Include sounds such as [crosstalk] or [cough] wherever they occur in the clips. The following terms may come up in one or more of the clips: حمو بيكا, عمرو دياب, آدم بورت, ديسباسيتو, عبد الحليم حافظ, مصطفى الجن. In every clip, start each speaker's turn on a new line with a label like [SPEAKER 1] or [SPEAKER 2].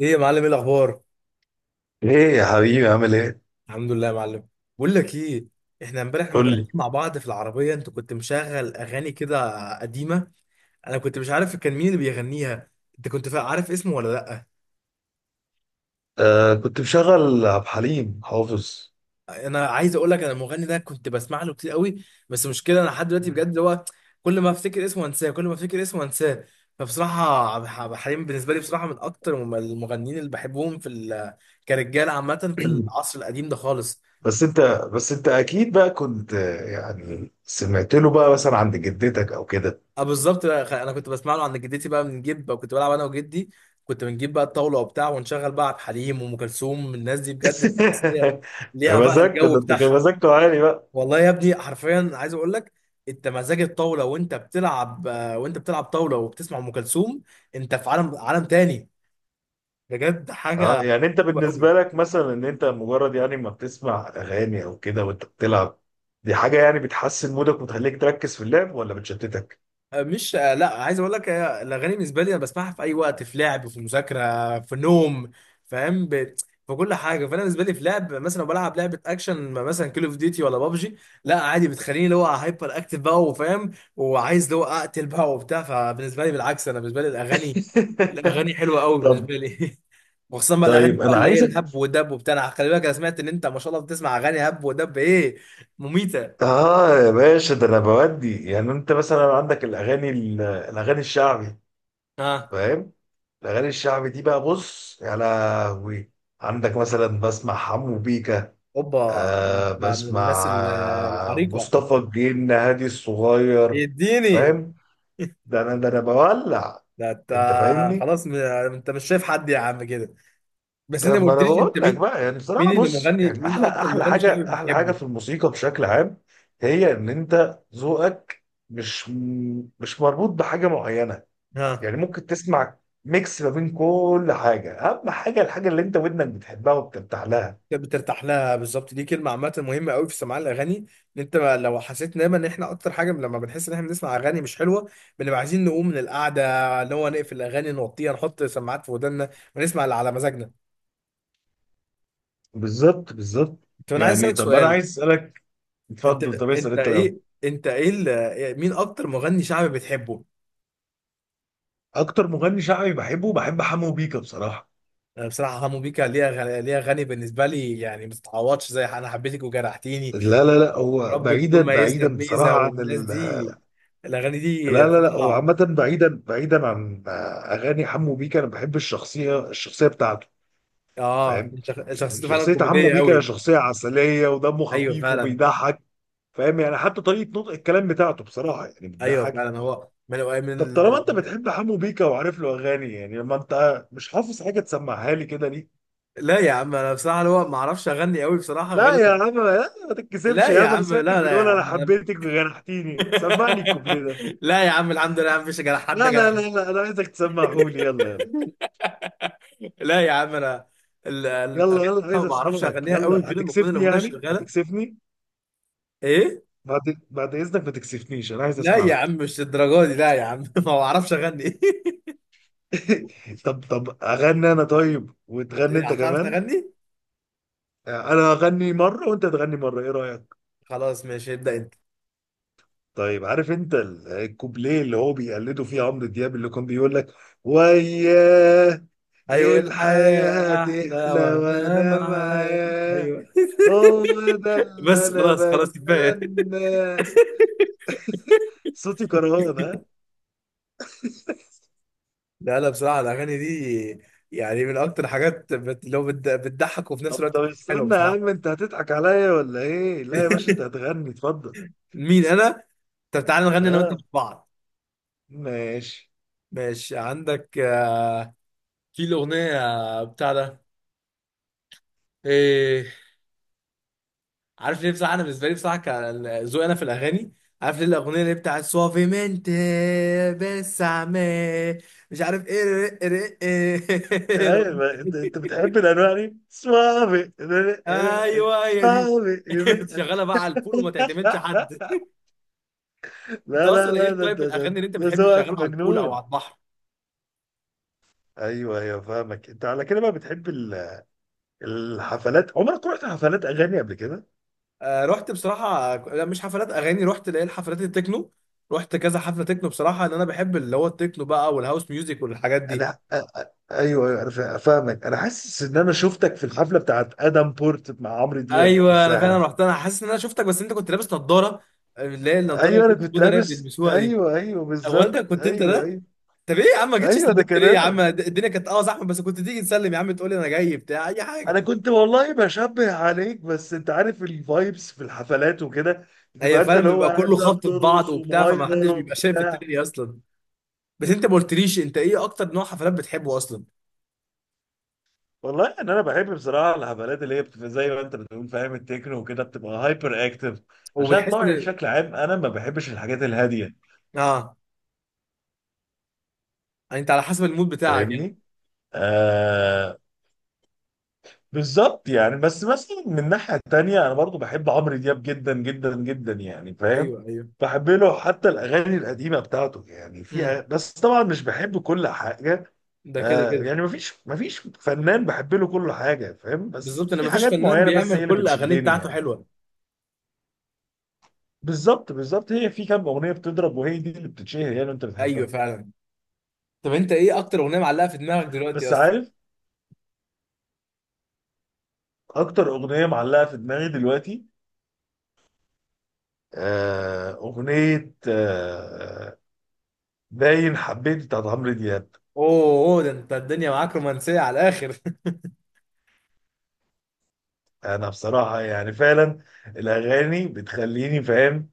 [SPEAKER 1] ايه يا معلم، ايه الاخبار؟
[SPEAKER 2] ايه يا حبيبي عامل ايه؟
[SPEAKER 1] الحمد لله يا معلم. بقول لك ايه. احنا امبارح لما
[SPEAKER 2] قول
[SPEAKER 1] كنا
[SPEAKER 2] لي.
[SPEAKER 1] قاعدين مع بعض في العربيه انت كنت مشغل اغاني كده قديمه. انا كنت مش عارف كان مين اللي بيغنيها. انت كنت عارف اسمه ولا لا؟
[SPEAKER 2] آه، كنت مشغل عبد الحليم حافظ.
[SPEAKER 1] انا عايز اقول لك، انا المغني ده كنت بسمع له كتير قوي، بس مشكله انا لحد دلوقتي بجد اللي هو كل ما افتكر اسمه انساه، كل ما افتكر اسمه انساه. فبصراحه عبد الحليم بالنسبه لي بصراحه من اكتر المغنيين اللي بحبهم في كرجاله عامه في
[SPEAKER 2] [clears throat]
[SPEAKER 1] العصر القديم ده خالص.
[SPEAKER 2] بس انت بس انت اكيد بقى كنت يعني سمعت له بقى مثلا عند جدتك او كده؟
[SPEAKER 1] اه بالظبط بقى، انا كنت بسمع له عند جدتي بقى، بنجيب بقى كنت بلعب انا وجدي، كنت بنجيب بقى الطاوله وبتاع ونشغل بقى عبد الحليم وام كلثوم. الناس دي بجد بتحس إن هي
[SPEAKER 2] [laughs]
[SPEAKER 1] ليها بقى
[SPEAKER 2] مزاجكوا
[SPEAKER 1] الجو
[SPEAKER 2] ده، انت كان
[SPEAKER 1] بتاعها.
[SPEAKER 2] مزاجكوا عالي بقى.
[SPEAKER 1] والله يا ابني حرفيا عايز اقول لك، انت مزاج الطاوله وانت بتلعب وانت بتلعب طاوله وبتسمع ام كلثوم، انت في عالم تاني، بجد حاجه
[SPEAKER 2] اه، يعني انت
[SPEAKER 1] حلوه قوي.
[SPEAKER 2] بالنسبه لك مثلا ان انت مجرد يعني ما بتسمع اغاني او كده وانت بتلعب، دي حاجه يعني بتحسن مودك وتخليك تركز في اللعب ولا بتشتتك؟
[SPEAKER 1] آه، مش آه، لا، عايز اقول لك الاغاني بالنسبه لي انا بسمعها في اي وقت، في لعب، في مذاكره، في نوم، فاهم. في كل حاجه. فانا بالنسبه لي في لعب، مثلا لو بلعب لعبه اكشن مثلا كول اوف ديوتي ولا بابجي، لا عادي بتخليني اللي هو هايبر اكتف بقى وفاهم وعايز اللي هو اقتل بقى وبتاع. فبالنسبه لي بالعكس، انا بالنسبه لي الاغاني
[SPEAKER 2] [laughs]
[SPEAKER 1] الاغاني حلوه قوي
[SPEAKER 2] طب
[SPEAKER 1] بالنسبه لي. [laughs] وخصوصا بقى الاغاني
[SPEAKER 2] طيب
[SPEAKER 1] بقى
[SPEAKER 2] انا
[SPEAKER 1] اللي هي
[SPEAKER 2] عايز.
[SPEAKER 1] الهب ودب وبتاع. أنا خلي بالك، انا سمعت ان انت ما شاء الله بتسمع اغاني هب ودب، ايه، مميته.
[SPEAKER 2] اه يا باشا، ده انا بودي يعني انت مثلا عندك الاغاني الاغاني الشعبي.
[SPEAKER 1] اه.
[SPEAKER 2] فاهم. الاغاني الشعبي دي بقى، بص يا لهوي. عندك مثلا بسمع حمو بيكا.
[SPEAKER 1] اوبا، ده
[SPEAKER 2] آه،
[SPEAKER 1] انت من الناس
[SPEAKER 2] بسمع
[SPEAKER 1] العريقه،
[SPEAKER 2] مصطفى الجن هادي الصغير.
[SPEAKER 1] اديني،
[SPEAKER 2] فاهم. ده انا بولع.
[SPEAKER 1] ده انت.
[SPEAKER 2] انت فاهمني.
[SPEAKER 1] خلاص. انت مش شايف حد يا عم كده، بس انت
[SPEAKER 2] طب
[SPEAKER 1] ما
[SPEAKER 2] ما انا
[SPEAKER 1] قلتليش
[SPEAKER 2] بقول
[SPEAKER 1] انت
[SPEAKER 2] لك
[SPEAKER 1] مين.
[SPEAKER 2] بقى، يعني
[SPEAKER 1] مين
[SPEAKER 2] بصراحه
[SPEAKER 1] اللي
[SPEAKER 2] بص،
[SPEAKER 1] مغني
[SPEAKER 2] يعني
[SPEAKER 1] مين
[SPEAKER 2] احلى
[SPEAKER 1] اكتر
[SPEAKER 2] احلى
[SPEAKER 1] مغني شعبي
[SPEAKER 2] حاجه، احلى حاجه
[SPEAKER 1] بتحبه؟
[SPEAKER 2] في الموسيقى بشكل عام، هي ان انت ذوقك مش مش مربوط بحاجه معينه.
[SPEAKER 1] ها.
[SPEAKER 2] يعني ممكن تسمع ميكس ما بين كل حاجه، اهم حاجه، الحاجه اللي انت ودنك بتحبها وبترتاح لها.
[SPEAKER 1] انت بترتاح لها بالظبط، دي كلمه عامه مهمه قوي في سماع الاغاني، ان انت لو حسيت دايما ان احنا اكتر حاجه لما بنحس ان احنا بنسمع اغاني مش حلوه، بنبقى عايزين نقوم من القعده، اللي هو نقفل الاغاني نوطيها، نحط سماعات في ودنا ونسمع اللي على مزاجنا.
[SPEAKER 2] بالظبط بالظبط.
[SPEAKER 1] طب انا عايز
[SPEAKER 2] يعني
[SPEAKER 1] اسالك
[SPEAKER 2] طب انا
[SPEAKER 1] سؤال.
[SPEAKER 2] عايز اسالك.
[SPEAKER 1] انت
[SPEAKER 2] اتفضل، طب اسال انت الاول.
[SPEAKER 1] مين اكتر مغني شعبي بتحبه؟
[SPEAKER 2] اكتر مغني شعبي بحبه، بحب حمو بيكا بصراحه.
[SPEAKER 1] انا بصراحه حمو بيكا ليها غني بالنسبه لي، يعني ما تتعوضش، زي انا حبيتك وجرحتيني،
[SPEAKER 2] لا لا لا، هو
[SPEAKER 1] ورب
[SPEAKER 2] بعيدا
[SPEAKER 1] تكون ميزنا
[SPEAKER 2] بعيدا
[SPEAKER 1] بميزه،
[SPEAKER 2] بصراحه عن
[SPEAKER 1] والناس
[SPEAKER 2] ال
[SPEAKER 1] دي الاغاني دي
[SPEAKER 2] لا لا لا، هو
[SPEAKER 1] بصراحه.
[SPEAKER 2] عامة بعيدا بعيدا عن أغاني حمو بيكا. أنا بحب الشخصية بتاعته.
[SPEAKER 1] اه،
[SPEAKER 2] فاهم، يعني
[SPEAKER 1] شخصيته فعلا
[SPEAKER 2] شخصية حمو
[SPEAKER 1] كوميديه
[SPEAKER 2] بيكا
[SPEAKER 1] قوي.
[SPEAKER 2] شخصية عسلية ودمه
[SPEAKER 1] ايوه
[SPEAKER 2] خفيف
[SPEAKER 1] فعلا.
[SPEAKER 2] وبيضحك. فاهم، يعني حتى طريقة نطق الكلام بتاعته بصراحة يعني
[SPEAKER 1] ايوه
[SPEAKER 2] بتضحك.
[SPEAKER 1] فعلا، هو من من
[SPEAKER 2] طب،
[SPEAKER 1] ال-
[SPEAKER 2] طالما أنت بتحب حمو بيكا وعارف له أغاني، يعني لما أنت مش حافظ حاجة تسمعها لي كده ليه؟
[SPEAKER 1] لا يا عم، انا بصراحه اللي هو ما اعرفش اغني قوي بصراحه، غير
[SPEAKER 2] لا يا
[SPEAKER 1] لما.
[SPEAKER 2] عم، لا، ما تتكسفش
[SPEAKER 1] لا
[SPEAKER 2] يا
[SPEAKER 1] يا
[SPEAKER 2] عم. أنا
[SPEAKER 1] عم،
[SPEAKER 2] سمعتك
[SPEAKER 1] لا، لا
[SPEAKER 2] بتقول
[SPEAKER 1] يا
[SPEAKER 2] أنا
[SPEAKER 1] عم، [laughs] لا.
[SPEAKER 2] حبيتك وجرحتيني، سمعني الكوبليه ده.
[SPEAKER 1] لا يا عم، [laughs] الحمد لله مفيش جرح، حد
[SPEAKER 2] لا لا
[SPEAKER 1] جرح.
[SPEAKER 2] لا لا، أنا عايزك تسمعهولي، يلا يلا.
[SPEAKER 1] لا يا عم، انا ال- ال-
[SPEAKER 2] يلا يلا،
[SPEAKER 1] ما
[SPEAKER 2] عايز
[SPEAKER 1] بعرفش
[SPEAKER 2] اسمعك،
[SPEAKER 1] اغنيها قوي
[SPEAKER 2] يلا
[SPEAKER 1] غير لما تكون
[SPEAKER 2] هتكسفني
[SPEAKER 1] الاغنيه
[SPEAKER 2] يعني
[SPEAKER 1] شغاله.
[SPEAKER 2] هتكسفني.
[SPEAKER 1] ايه.
[SPEAKER 2] بعد بعد اذنك، ما تكسفنيش، انا عايز
[SPEAKER 1] لا يا عم،
[SPEAKER 2] اسمعك.
[SPEAKER 1] مش الدرجه دي، لا يا عم، [laughs] ما بعرفش اغني. [laughs]
[SPEAKER 2] [laughs] طب اغني انا طيب، وتغني انت
[SPEAKER 1] هتعرف
[SPEAKER 2] كمان.
[SPEAKER 1] تغني؟
[SPEAKER 2] انا اغني مره وانت تغني مره، ايه رايك؟
[SPEAKER 1] خلاص ماشي، ابدا انت.
[SPEAKER 2] طيب، عارف انت الكوبليه اللي هو بيقلده فيه عمرو دياب، اللي كان بيقول لك وياه: إيه
[SPEAKER 1] ايوه،
[SPEAKER 2] الحياه
[SPEAKER 1] الحياه احلى
[SPEAKER 2] تحلى
[SPEAKER 1] وانا
[SPEAKER 2] وانا
[SPEAKER 1] معاك،
[SPEAKER 2] معاه،
[SPEAKER 1] ايوه. [laughs]
[SPEAKER 2] هو ده اللي
[SPEAKER 1] بس
[SPEAKER 2] انا
[SPEAKER 1] خلاص خلاص كفايه. [laughs]
[SPEAKER 2] بتمناه. صوتي كرهان.
[SPEAKER 1] لا لا، بصراحه الاغاني دي يعني من اكتر حاجات بتضحك وفي نفس
[SPEAKER 2] طب
[SPEAKER 1] الوقت
[SPEAKER 2] طب
[SPEAKER 1] حلوه
[SPEAKER 2] استنى يا عم،
[SPEAKER 1] بصراحه.
[SPEAKER 2] انت هتضحك عليا ولا ايه؟ لا يا باشا، انت هتغني، اتفضل.
[SPEAKER 1] مين انا؟ طب تعالى نغني انا وانت
[SPEAKER 2] ها،
[SPEAKER 1] مع بعض.
[SPEAKER 2] ماشي.
[SPEAKER 1] ماشي، عندك في الاغنيه بتاع ده، إيه؟ عارف ليه بصراحة، أنا بالنسبة لي بصراحة كذوقي أنا في الأغاني، عارف ليه الأغنية اللي بتاعت سوافيمنت، بس عمال مش عارف إيه، إيه [laughs] الأغنية
[SPEAKER 2] ايوه، انت
[SPEAKER 1] دي.
[SPEAKER 2] بتحب الانواع دي؟ صعبي.
[SPEAKER 1] أيوه هي دي.
[SPEAKER 2] صعبي.
[SPEAKER 1] [laughs]
[SPEAKER 2] [laughs]
[SPEAKER 1] تشغلها بقى على البول وما تعتمدش حد. أنت
[SPEAKER 2] لا لا
[SPEAKER 1] أصلا
[SPEAKER 2] لا،
[SPEAKER 1] إيه،
[SPEAKER 2] ده
[SPEAKER 1] طيب
[SPEAKER 2] ده ده،
[SPEAKER 1] الأغاني اللي أنت
[SPEAKER 2] ده
[SPEAKER 1] بتحب
[SPEAKER 2] ذوقك
[SPEAKER 1] تشغلها على البول أو
[SPEAKER 2] مجنون.
[SPEAKER 1] على البحر؟
[SPEAKER 2] ايوه ايوه، فاهمك، انت على كده بقى بتحب الحفلات. عمرك رحت حفلات اغاني قبل كده؟
[SPEAKER 1] آه، رحت بصراحة، لا مش حفلات أغاني، رحت ليه الحفلات التكنو. رحت كذا حفلة تكنو بصراحة، إن أنا بحب اللي هو التكنو بقى والهاوس ميوزك والحاجات دي.
[SPEAKER 2] انا أ- أ- ايوه ايوه، انا فاهمك. انا حاسس ان انا شفتك في الحفله بتاعت ادم بورت مع عمرو دياب في
[SPEAKER 1] ايوه انا فعلا
[SPEAKER 2] الساحل.
[SPEAKER 1] رحت، انا حاسس ان انا شفتك، بس انت كنت لابس نظاره، اللي هي النظاره
[SPEAKER 2] ايوه، انا كنت
[SPEAKER 1] السوداء اللي هي
[SPEAKER 2] لابس،
[SPEAKER 1] بيلبسوها دي.
[SPEAKER 2] ايوه ايوه،
[SPEAKER 1] هو انت
[SPEAKER 2] بالظبط،
[SPEAKER 1] كنت انت
[SPEAKER 2] ايوه
[SPEAKER 1] ده؟
[SPEAKER 2] ايوه.
[SPEAKER 1] طب ايه يا عم، ما جيتش
[SPEAKER 2] ايوه، ده
[SPEAKER 1] سلمت
[SPEAKER 2] كان
[SPEAKER 1] ليه يا عم،
[SPEAKER 2] انا.
[SPEAKER 1] الدنيا كانت زحمه بس كنت تيجي تسلم يا عم، تقول لي انا جاي بتاع اي
[SPEAKER 2] انا
[SPEAKER 1] حاجه.
[SPEAKER 2] كنت والله بشبه عليك، بس انت عارف الفايبس في الحفلات وكده،
[SPEAKER 1] هي
[SPEAKER 2] بتبقى انت
[SPEAKER 1] فعلا
[SPEAKER 2] اللي هو
[SPEAKER 1] بيبقى
[SPEAKER 2] قاعد
[SPEAKER 1] كله
[SPEAKER 2] بقى
[SPEAKER 1] خبط في بعض
[SPEAKER 2] بترقص
[SPEAKER 1] وبتاع، فما
[SPEAKER 2] ومهايبر
[SPEAKER 1] حدش بيبقى شايف
[SPEAKER 2] وبتاع.
[SPEAKER 1] التاني اصلا. بس انت ما قلتليش، انت ايه اكتر نوع حفلات بتحبه اصلا؟
[SPEAKER 2] والله ان انا بحب بصراحه الحفلات اللي هي بتبقى زي ما انت بتقول، فاهم، التكنو وكده بتبقى هايبر اكتف، عشان
[SPEAKER 1] وبتحس
[SPEAKER 2] طبعي
[SPEAKER 1] ان
[SPEAKER 2] بشكل عام انا ما بحبش الحاجات الهاديه.
[SPEAKER 1] اه انت على حسب المود بتاعك يعني.
[SPEAKER 2] فاهمني؟ آه. بالظبط، يعني بس مثلا من ناحية تانية أنا برضو بحب عمرو دياب جدا جدا جدا، يعني فاهم،
[SPEAKER 1] ايوه ايوه.
[SPEAKER 2] بحب له حتى الأغاني القديمة بتاعته، يعني
[SPEAKER 1] امم
[SPEAKER 2] بس طبعا مش بحب كل حاجة.
[SPEAKER 1] ده كده
[SPEAKER 2] آه،
[SPEAKER 1] كده.
[SPEAKER 2] يعني مفيش فنان بحب له كل حاجة، فاهم، بس
[SPEAKER 1] بالظبط، انا ما
[SPEAKER 2] في
[SPEAKER 1] فيش
[SPEAKER 2] حاجات
[SPEAKER 1] فنان
[SPEAKER 2] معينة بس
[SPEAKER 1] بيعمل
[SPEAKER 2] هي اللي
[SPEAKER 1] كل الاغاني
[SPEAKER 2] بتشدني
[SPEAKER 1] بتاعته
[SPEAKER 2] يعني.
[SPEAKER 1] حلوه.
[SPEAKER 2] بالظبط بالظبط، هي في كام أغنية بتضرب وهي دي اللي بتتشهر، يعني أنت
[SPEAKER 1] ايوه
[SPEAKER 2] بتحبها.
[SPEAKER 1] فعلا. طب انت ايه اكتر اغنيه معلقه في دماغك دلوقتي
[SPEAKER 2] بس
[SPEAKER 1] اصلا؟
[SPEAKER 2] عارف، أكتر أغنية معلقة في دماغي دلوقتي، أغنية باين حبيت بتاعت عمرو دياب.
[SPEAKER 1] اوه، أوه، ده انت الدنيا معاك رومانسيه على الاخر.
[SPEAKER 2] انا بصراحه يعني فعلا الاغاني بتخليني، فاهم،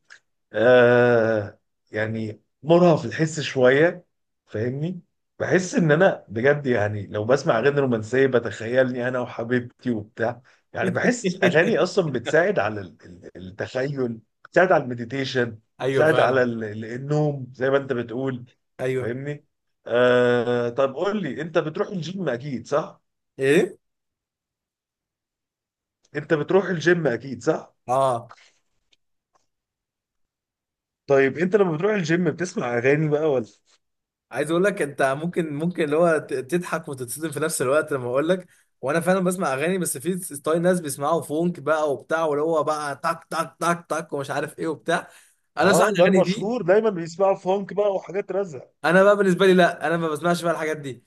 [SPEAKER 2] آه، يعني مرهف في الحس شويه. فاهمني، بحس ان انا بجد، يعني لو بسمع اغاني رومانسيه بتخيلني انا وحبيبتي وبتاع. يعني بحس الاغاني
[SPEAKER 1] [laughs]
[SPEAKER 2] اصلا بتساعد على التخيل. بتساعد على المديتيشن.
[SPEAKER 1] ايوه
[SPEAKER 2] بتساعد على
[SPEAKER 1] فعلا.
[SPEAKER 2] النوم، زي ما انت بتقول.
[SPEAKER 1] ايوه،
[SPEAKER 2] فاهمني؟ آه، طب قول لي، انت بتروح الجيم اكيد صح؟
[SPEAKER 1] ايه،
[SPEAKER 2] انت بتروح الجيم اكيد صح؟
[SPEAKER 1] اه
[SPEAKER 2] طيب، انت لما بتروح الجيم بتسمع اغاني بقى ولا؟
[SPEAKER 1] عايز اقول لك، انت ممكن اللي هو تضحك وتتصدم في نفس الوقت لما اقول لك، وانا فعلا بسمع اغاني، بس في ستايل ناس بيسمعوا فونك بقى وبتاع، واللي هو بقى تك تك تك تك ومش عارف ايه وبتاع، انا صح
[SPEAKER 2] اه، ده
[SPEAKER 1] الاغاني دي.
[SPEAKER 2] المشهور دايما بيسمعوا فونك بقى وحاجات رزع.
[SPEAKER 1] انا بقى بالنسبه لي لا، انا ما بسمعش بقى الحاجات دي.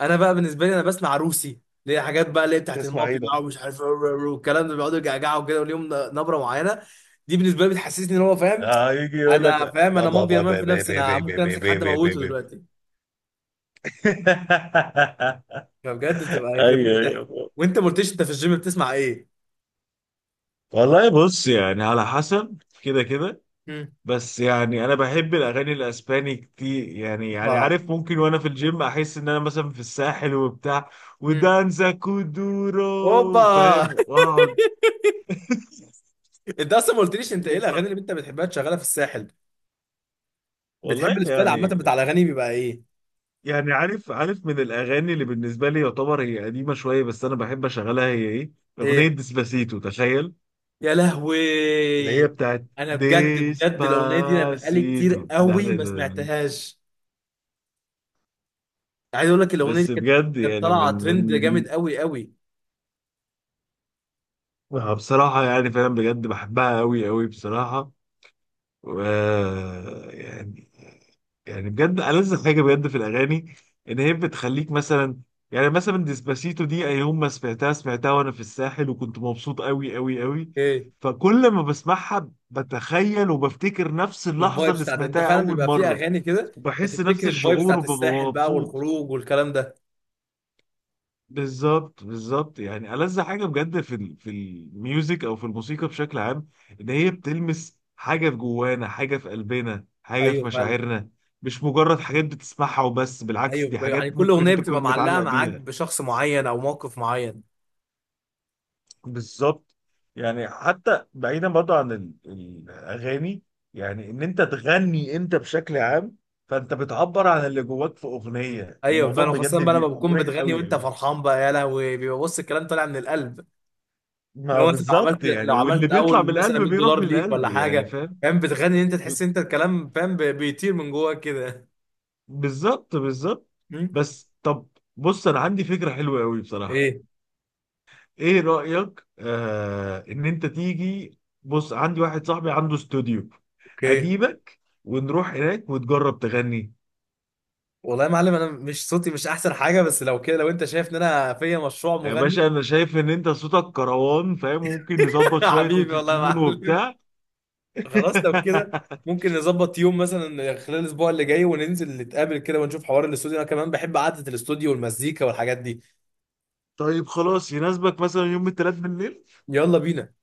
[SPEAKER 1] انا بقى بالنسبه لي، انا بسمع روسي، اللي هي حاجات بقى اللي هي بتاعت
[SPEAKER 2] تسمع ايه
[SPEAKER 1] المافيا
[SPEAKER 2] بقى؟
[SPEAKER 1] بقى، ومش عارف رو- رو- رو، والكلام ده بيقعدوا يجعجعوا كده وليهم نبره معينه. دي بالنسبه لي بتحسسني ان هو فاهم،
[SPEAKER 2] اه، يجي يقول لك:
[SPEAKER 1] انا فاهم انا
[SPEAKER 2] بابا
[SPEAKER 1] مافيا
[SPEAKER 2] بابا
[SPEAKER 1] مان في
[SPEAKER 2] بابا
[SPEAKER 1] نفسي،
[SPEAKER 2] بابا
[SPEAKER 1] انا ممكن
[SPEAKER 2] بابا
[SPEAKER 1] امسك حد
[SPEAKER 2] بابا
[SPEAKER 1] اموته
[SPEAKER 2] بابا.
[SPEAKER 1] دلوقتي.
[SPEAKER 2] [laughs]
[SPEAKER 1] فبجد بتبقى يخرب بيت
[SPEAKER 2] ايوه
[SPEAKER 1] الضحك.
[SPEAKER 2] ايوه.
[SPEAKER 1] وانت ما قلتليش، انت في الجيم بتسمع ايه؟
[SPEAKER 2] والله بص، يعني على حسب كده كده.
[SPEAKER 1] مم.
[SPEAKER 2] بس يعني انا بحب الاغاني الاسباني كتير، يعني
[SPEAKER 1] اوبا.
[SPEAKER 2] عارف، ممكن وانا في الجيم احس ان انا مثلا في الساحل وبتاع،
[SPEAKER 1] مم.
[SPEAKER 2] ودانزا
[SPEAKER 1] اوبا.
[SPEAKER 2] كودورو، فاهم،
[SPEAKER 1] [laughs]
[SPEAKER 2] واقعد. [laughs]
[SPEAKER 1] انت اصلا ما قلتليش، انت ايه
[SPEAKER 2] بص-
[SPEAKER 1] الاغاني اللي انت بتحبها تشغلها في الساحل؟
[SPEAKER 2] والله
[SPEAKER 1] بتحب الستايل عامه
[SPEAKER 2] يعني،
[SPEAKER 1] بتاع الاغاني بيبقى ايه؟
[SPEAKER 2] يعني عارف من الاغاني اللي بالنسبه لي يعتبر هي قديمه شويه بس انا بحب اشغلها، هي ايه؟ اغنيه
[SPEAKER 1] ايه؟
[SPEAKER 2] ديسباسيتو، تخيل.
[SPEAKER 1] يا
[SPEAKER 2] اللي هي
[SPEAKER 1] لهوي.
[SPEAKER 2] بتاعت
[SPEAKER 1] انا بجد بجد الاغنيه دي انا بقالي كتير
[SPEAKER 2] ديسباسيتو ده
[SPEAKER 1] قوي
[SPEAKER 2] ده-
[SPEAKER 1] ما
[SPEAKER 2] ده- ده.
[SPEAKER 1] سمعتهاش. عايز اقول لك، الاغنيه دي
[SPEAKER 2] بس
[SPEAKER 1] كانت
[SPEAKER 2] بجد
[SPEAKER 1] كانت
[SPEAKER 2] يعني
[SPEAKER 1] طالعه ترند جامد قوي قوي.
[SPEAKER 2] آه، بصراحه يعني فعلا بجد بحبها قوي قوي بصراحه. و يعني يعني بجد ألذ حاجة بجد في الأغاني، إن هي بتخليك مثلا، يعني مثلا ديسباسيتو دي أي يوم ما سمعتها سمعتها، وأنا في الساحل وكنت مبسوط أوي أوي أوي.
[SPEAKER 1] ايه.
[SPEAKER 2] فكل ما بسمعها بتخيل وبفتكر نفس اللحظة
[SPEAKER 1] الفايبس
[SPEAKER 2] اللي
[SPEAKER 1] بتاعت، انت
[SPEAKER 2] سمعتها
[SPEAKER 1] فعلا
[SPEAKER 2] أول
[SPEAKER 1] بيبقى في
[SPEAKER 2] مرة،
[SPEAKER 1] اغاني كده
[SPEAKER 2] وبحس نفس
[SPEAKER 1] بتفتكر الفايبس
[SPEAKER 2] الشعور
[SPEAKER 1] بتاعت
[SPEAKER 2] وببقى
[SPEAKER 1] الساحل بقى
[SPEAKER 2] مبسوط.
[SPEAKER 1] والخروج والكلام ده.
[SPEAKER 2] بالظبط بالظبط، يعني ألذ حاجة بجد في الميوزك أو في الموسيقى بشكل عام، إن هي بتلمس حاجة في جوانا، حاجة في قلبنا، حاجة في
[SPEAKER 1] ايوه فعلا.
[SPEAKER 2] مشاعرنا. مش مجرد حاجات بتسمعها وبس،
[SPEAKER 1] ايوه،
[SPEAKER 2] بالعكس دي
[SPEAKER 1] يعني
[SPEAKER 2] حاجات
[SPEAKER 1] كل
[SPEAKER 2] ممكن
[SPEAKER 1] اغنيه
[SPEAKER 2] أنت تكون
[SPEAKER 1] بتبقى معلقه
[SPEAKER 2] متعلق
[SPEAKER 1] معاك
[SPEAKER 2] بيها.
[SPEAKER 1] بشخص معين او موقف معين.
[SPEAKER 2] بالظبط، يعني حتى بعيدا برضه عن الأغاني، يعني إن أنت تغني أنت بشكل عام، فأنت بتعبر عن اللي جواك في أغنية،
[SPEAKER 1] ايوه
[SPEAKER 2] الموضوع
[SPEAKER 1] فعلا، خاصه
[SPEAKER 2] بجد
[SPEAKER 1] بقى لما
[SPEAKER 2] بيبقى
[SPEAKER 1] بتكون
[SPEAKER 2] مريح
[SPEAKER 1] بتغني
[SPEAKER 2] أوي
[SPEAKER 1] وانت
[SPEAKER 2] أوي.
[SPEAKER 1] فرحان بقى، يا لهوي بيبقى بص الكلام طالع من القلب.
[SPEAKER 2] ما
[SPEAKER 1] لو مثلا لو عملت
[SPEAKER 2] بالظبط، يعني
[SPEAKER 1] لو
[SPEAKER 2] واللي
[SPEAKER 1] عملت
[SPEAKER 2] بيطلع من
[SPEAKER 1] اول مثلا
[SPEAKER 2] القلب
[SPEAKER 1] 100
[SPEAKER 2] بيروح
[SPEAKER 1] دولار ليك
[SPEAKER 2] للقلب،
[SPEAKER 1] ولا
[SPEAKER 2] يعني
[SPEAKER 1] حاجه
[SPEAKER 2] فاهم.
[SPEAKER 1] فاهم، بتغني انت،
[SPEAKER 2] ب-
[SPEAKER 1] تحس انت الكلام فاهم بيطير من جواك كده.
[SPEAKER 2] بالظبط بالظبط.
[SPEAKER 1] مم؟
[SPEAKER 2] بس طب، بص انا عندي فكرة حلوة قوي بصراحة،
[SPEAKER 1] ايه.
[SPEAKER 2] ايه رأيك ان انت تيجي، بص عندي واحد صاحبي عنده استوديو.
[SPEAKER 1] اوكي.
[SPEAKER 2] اجيبك ونروح هناك وتجرب تغني.
[SPEAKER 1] والله يا معلم، انا مش صوتي مش احسن حاجه، بس لو كده، لو انت شايف ان انا فيا مشروع
[SPEAKER 2] يا
[SPEAKER 1] مغني.
[SPEAKER 2] باشا، انا شايف ان انت صوتك كروان، فاهم، ممكن
[SPEAKER 1] [laughs]
[SPEAKER 2] نظبط شوية
[SPEAKER 1] حبيبي والله يا
[SPEAKER 2] اوتوتيون
[SPEAKER 1] معلم،
[SPEAKER 2] وبتاع.
[SPEAKER 1] خلاص لو
[SPEAKER 2] [laughs]
[SPEAKER 1] كده ممكن نظبط يوم مثلا خلال الاسبوع اللي جاي وننزل نتقابل كده، ونشوف حوار الاستوديو، انا كمان بحب قعده الاستوديو والمزيكا والحاجات دي.
[SPEAKER 2] طيب خلاص، يناسبك مثلا يوم الثلاث بالليل؟
[SPEAKER 1] يلا بينا.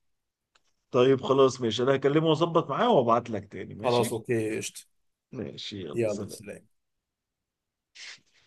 [SPEAKER 2] طيب خلاص ماشي، انا هكلمه واظبط معاه وابعت لك تاني،
[SPEAKER 1] خلاص
[SPEAKER 2] ماشي.
[SPEAKER 1] اوكي قشطه.
[SPEAKER 2] ماشي، يلا
[SPEAKER 1] يلا
[SPEAKER 2] سلام.
[SPEAKER 1] سلام.